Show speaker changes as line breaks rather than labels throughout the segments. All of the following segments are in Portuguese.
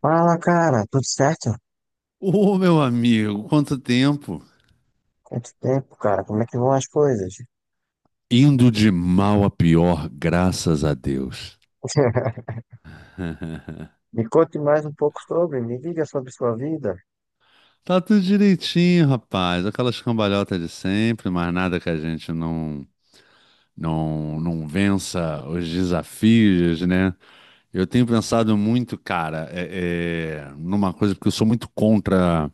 Fala, cara, tudo certo?
Ô, meu amigo, quanto tempo!
Quanto tempo, cara? Como é que vão as coisas?
Indo de mal a pior, graças a Deus.
Me conte mais um pouco sobre, me diga sobre sua vida.
Tá tudo direitinho, rapaz. Aquelas cambalhotas de sempre, mas nada que a gente não vença os desafios, né? Eu tenho pensado muito, cara, numa coisa, porque eu sou muito contra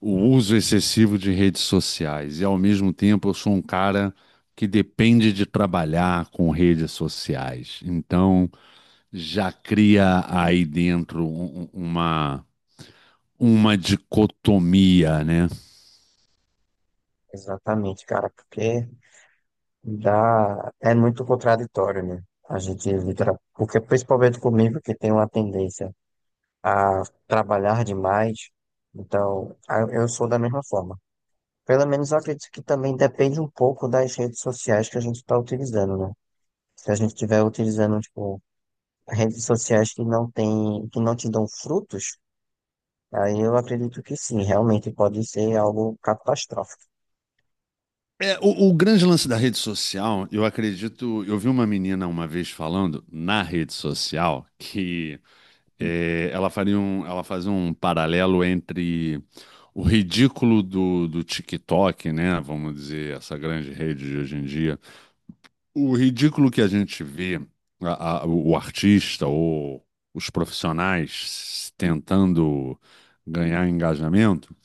o uso excessivo de redes sociais. E ao mesmo tempo eu sou um cara que depende de trabalhar com redes sociais. Já cria aí dentro uma dicotomia, né?
Exatamente, cara, porque dá, é muito contraditório, né? A gente porque principalmente comigo, que tem uma tendência a trabalhar demais, então eu sou da mesma forma. Pelo menos eu acredito que também depende um pouco das redes sociais que a gente está utilizando, né? Se a gente estiver utilizando, tipo, redes sociais que não tem, que não te dão frutos, aí eu acredito que sim, realmente pode ser algo catastrófico.
É, o grande lance da rede social, eu acredito. Eu vi uma menina uma vez falando na rede social que ela ela fazia um paralelo entre o ridículo do TikTok, né? Vamos dizer, essa grande rede de hoje em dia. O ridículo que a gente vê, o artista ou os profissionais tentando ganhar engajamento,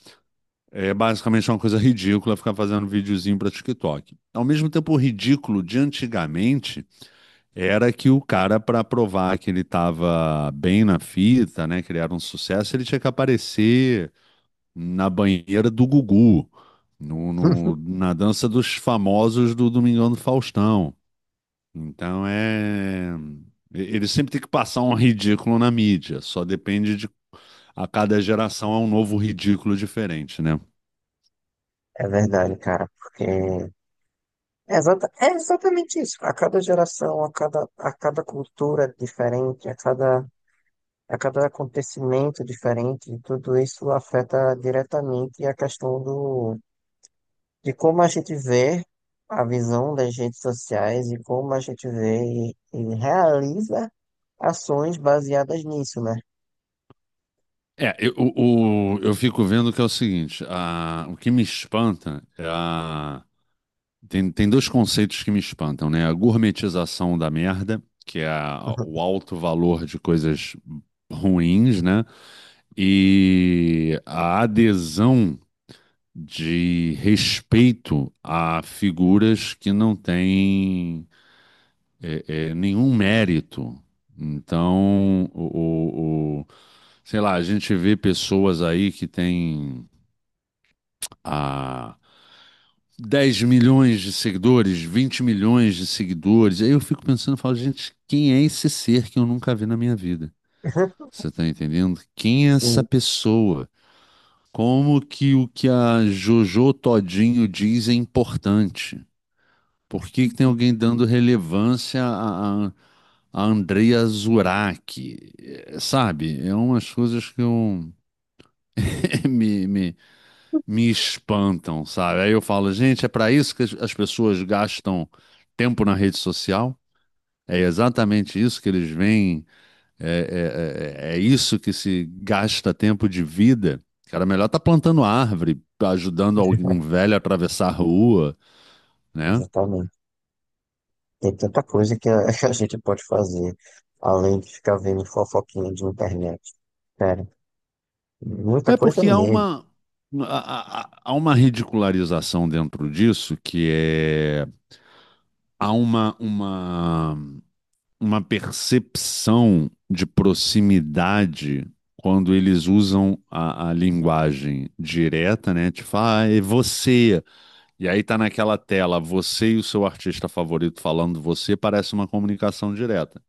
é basicamente uma coisa ridícula ficar fazendo videozinho para TikTok. Ao mesmo tempo, o ridículo de antigamente era que o cara, para provar que ele estava bem na fita, né, que ele era um sucesso, ele tinha que aparecer na banheira do Gugu, na dança dos famosos do Domingão do Faustão. Então é. Ele sempre tem que passar um ridículo na mídia, só depende de. A cada geração é um novo ridículo diferente, né?
É verdade, cara, porque é exatamente isso. A cada geração, a cada cultura diferente, a cada acontecimento diferente, tudo isso afeta diretamente a questão do, de como a gente vê a visão das redes sociais e como a gente vê e realiza ações baseadas nisso, né?
É, eu fico vendo que é o seguinte: a- o que me espanta é a. Tem dois conceitos que me espantam, né? A gourmetização da merda, que é a- o alto valor de coisas ruins, né? E a adesão. De respeito a figuras que não têm nenhum mérito. Então, sei lá, a gente vê pessoas aí que têm ah, 10 milhões de seguidores, 20 milhões de seguidores. Aí eu fico pensando, eu falo, gente, quem é esse ser que eu nunca vi na minha vida? Você tá entendendo? Quem é essa
Hum.
pessoa? Como que o que a Jojo Todinho diz é importante? Por que que tem alguém dando relevância a Andrea Zurak? É. Sabe? É umas coisas que eu, me, me, me espantam, sabe? Aí eu falo, gente, é para isso que as as pessoas gastam tempo na rede social? É exatamente isso que eles veem? É isso que se gasta tempo de vida? Cara, melhor tá plantando árvore, ajudando algum velho a atravessar a rua, né?
Exatamente. Tem tanta coisa que a gente pode fazer, além de ficar vendo fofoquinha de internet. Sério, muita
É
coisa
porque
mesmo,
há uma ridicularização dentro disso que é há uma, uma, uma percepção de proximidade quando eles usam a linguagem direta, né? Tipo, ah, é você. E aí tá naquela tela, você e o seu artista favorito falando você, parece uma comunicação direta.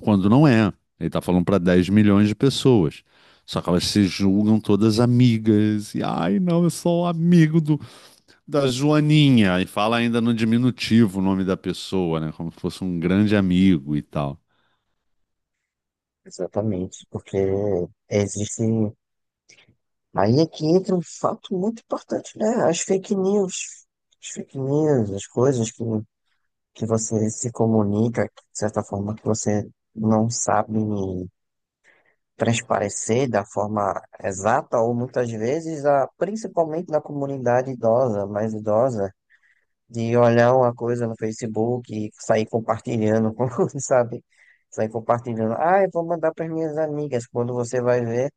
Quando não é. Ele tá falando para 10 milhões de pessoas. Só que elas se julgam todas amigas. E, ai, não, eu sou amigo da Joaninha. E fala ainda no diminutivo o nome da pessoa, né? Como se fosse um grande amigo e tal.
exatamente, porque existe. Aí é que entra um fato muito importante, né? As fake news. As fake news, as coisas que você se comunica, de certa forma, que você não sabe transparecer da forma exata, ou muitas vezes, a, principalmente na comunidade idosa, mais idosa, de olhar uma coisa no Facebook e sair compartilhando, com, sabe? Sair compartilhando. Ah, eu vou mandar para minhas amigas. Quando você vai ver,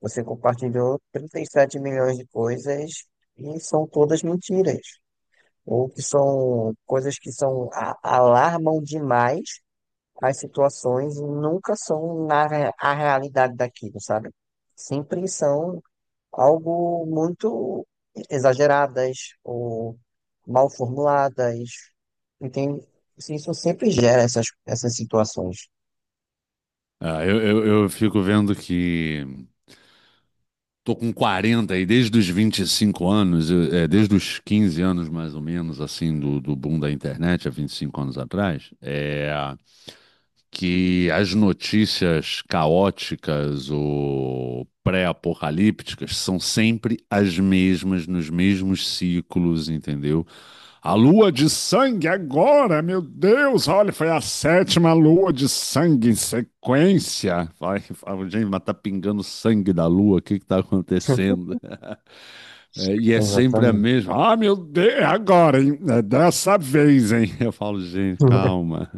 você compartilhou 37 milhões de coisas e são todas mentiras. Ou que são coisas que são alarmam demais, as situações nunca são na, a realidade daquilo, sabe? Sempre são algo muito exageradas ou mal formuladas, entende? Assim, isso sempre gera essas, essas situações.
Ah, eu fico vendo que tô com 40 e desde os 25 anos, desde os 15 anos mais ou menos, assim, do boom da internet, há 25 anos atrás, é, que as notícias caóticas ou pré-apocalípticas são sempre as mesmas, nos mesmos ciclos, entendeu? A lua de sangue agora, meu Deus, olha, foi a sétima lua de sangue em sequência. Vai, fala, gente, mas tá pingando sangue da lua, o que que tá acontecendo? É, e é sempre a
Exatamente.
mesma. Ah, meu Deus, é agora, hein? É dessa vez, hein? Eu falo, gente, calma.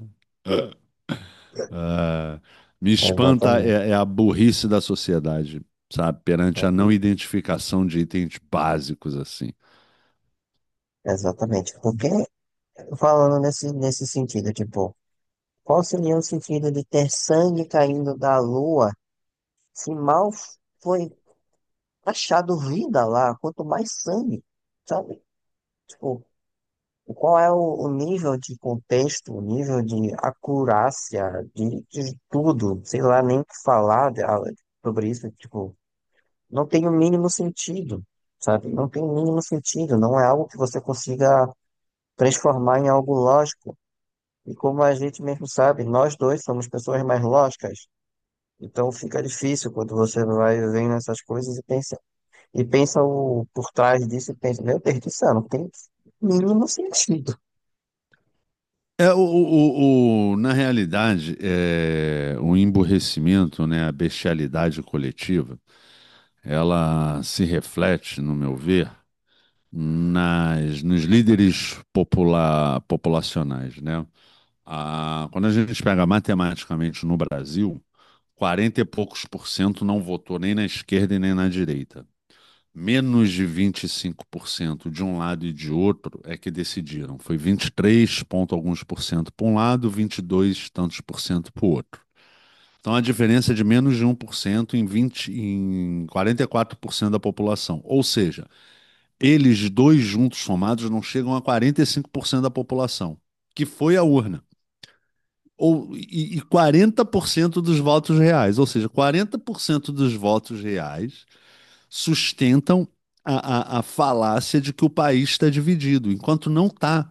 Ah, me espanta
Exatamente.
é, é a burrice da sociedade, sabe? Perante a não identificação de itens básicos assim.
Exatamente. Porque, falando nesse, nesse sentido, tipo, qual seria o sentido de ter sangue caindo da lua se mal foi achado vida lá, quanto mais sangue, sabe? Tipo, qual é o nível de contexto, o nível de acurácia, de tudo, sei lá, nem o que falar sobre isso, tipo, não tem o mínimo sentido, sabe? Não tem o mínimo sentido, não é algo que você consiga transformar em algo lógico. E como a gente mesmo sabe, nós dois somos pessoas mais lógicas, então fica difícil quando você vai vendo essas coisas e pensa. Por trás disso e pensa, meu Deus do céu, não tem mínimo sentido.
É, na realidade, é, o emburrecimento, né, a bestialidade coletiva, ela se reflete, no meu ver, nos líderes popula- populacionais, né? Ah, quando a gente pega matematicamente no Brasil, 40 e poucos% não votou nem na esquerda e nem na direita. Menos de 25% de um lado e de outro é que decidiram. Foi 23 e alguns% para um lado, 22 e tantos% para o outro. Então, a diferença é de menos de 1% em 20 em 44% da população. Ou seja, eles dois juntos somados não chegam a 45% da população, que foi a urna. Ou, e 40% dos votos reais. Ou seja, 40% dos votos reais sustentam a, falácia de que o país está dividido, enquanto não está.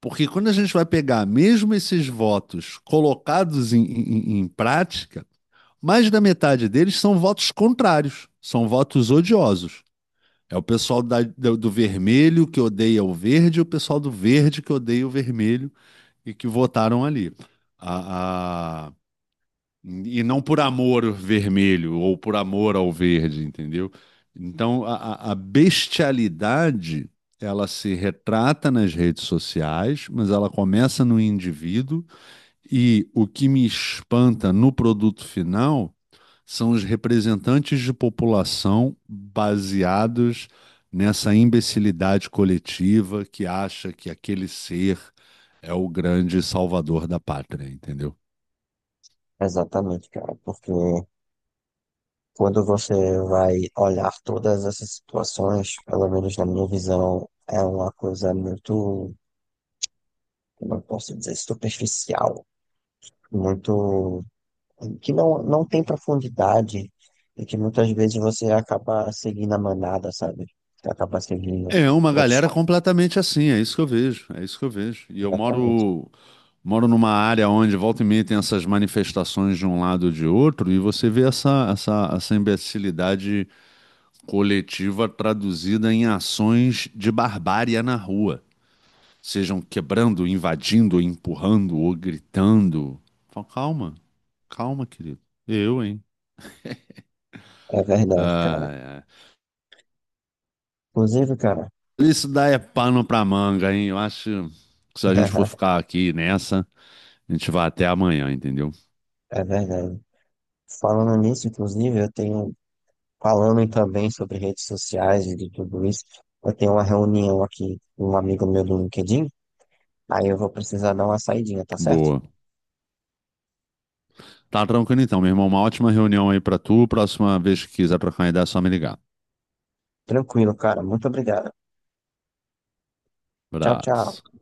Porque quando a gente vai pegar mesmo esses votos colocados em prática, mais da metade deles são votos contrários, são votos odiosos. É o pessoal do do vermelho que odeia o verde e o pessoal do verde que odeia o vermelho e que votaram ali. A- a- E não por amor ao vermelho ou por amor ao verde, entendeu? Então a bestialidade ela se retrata nas redes sociais, mas ela começa no indivíduo e o que me espanta no produto final são os representantes de população baseados nessa imbecilidade coletiva que acha que aquele ser é o grande salvador da pátria, entendeu?
Exatamente, cara, porque quando você vai olhar todas essas situações, pelo menos na minha visão, é uma coisa muito, como eu posso dizer, superficial, muito, que não, não tem profundidade e que muitas vezes você acaba seguindo a manada, sabe? Você acaba seguindo
É uma
outros
galera
fatores.
completamente assim, é isso que eu vejo, é isso que eu vejo. E eu
Exatamente.
moro numa área onde volta e meia tem essas manifestações de um lado ou de outro, e você vê essa essa imbecilidade coletiva traduzida em ações de barbárie na rua. Sejam quebrando, invadindo, empurrando ou gritando. Fala. Calma, querido. Eu, hein?
É verdade, cara.
Ah, é.
Inclusive, cara,
Isso daí é pano pra manga, hein? Eu acho que se a gente for ficar aqui nessa, a gente vai até amanhã, entendeu?
é verdade. Falando nisso, inclusive, eu tenho, falando também sobre redes sociais e de tudo isso, eu tenho uma reunião aqui com um amigo meu do LinkedIn, aí eu vou precisar dar uma saidinha, tá certo?
Boa. Tá tranquilo então, meu irmão. Uma ótima reunião aí pra tu. Próxima vez que quiser trocar uma ideia, é só me ligar.
Tranquilo, cara. Muito obrigado. Tchau,
Abraço.
tchau.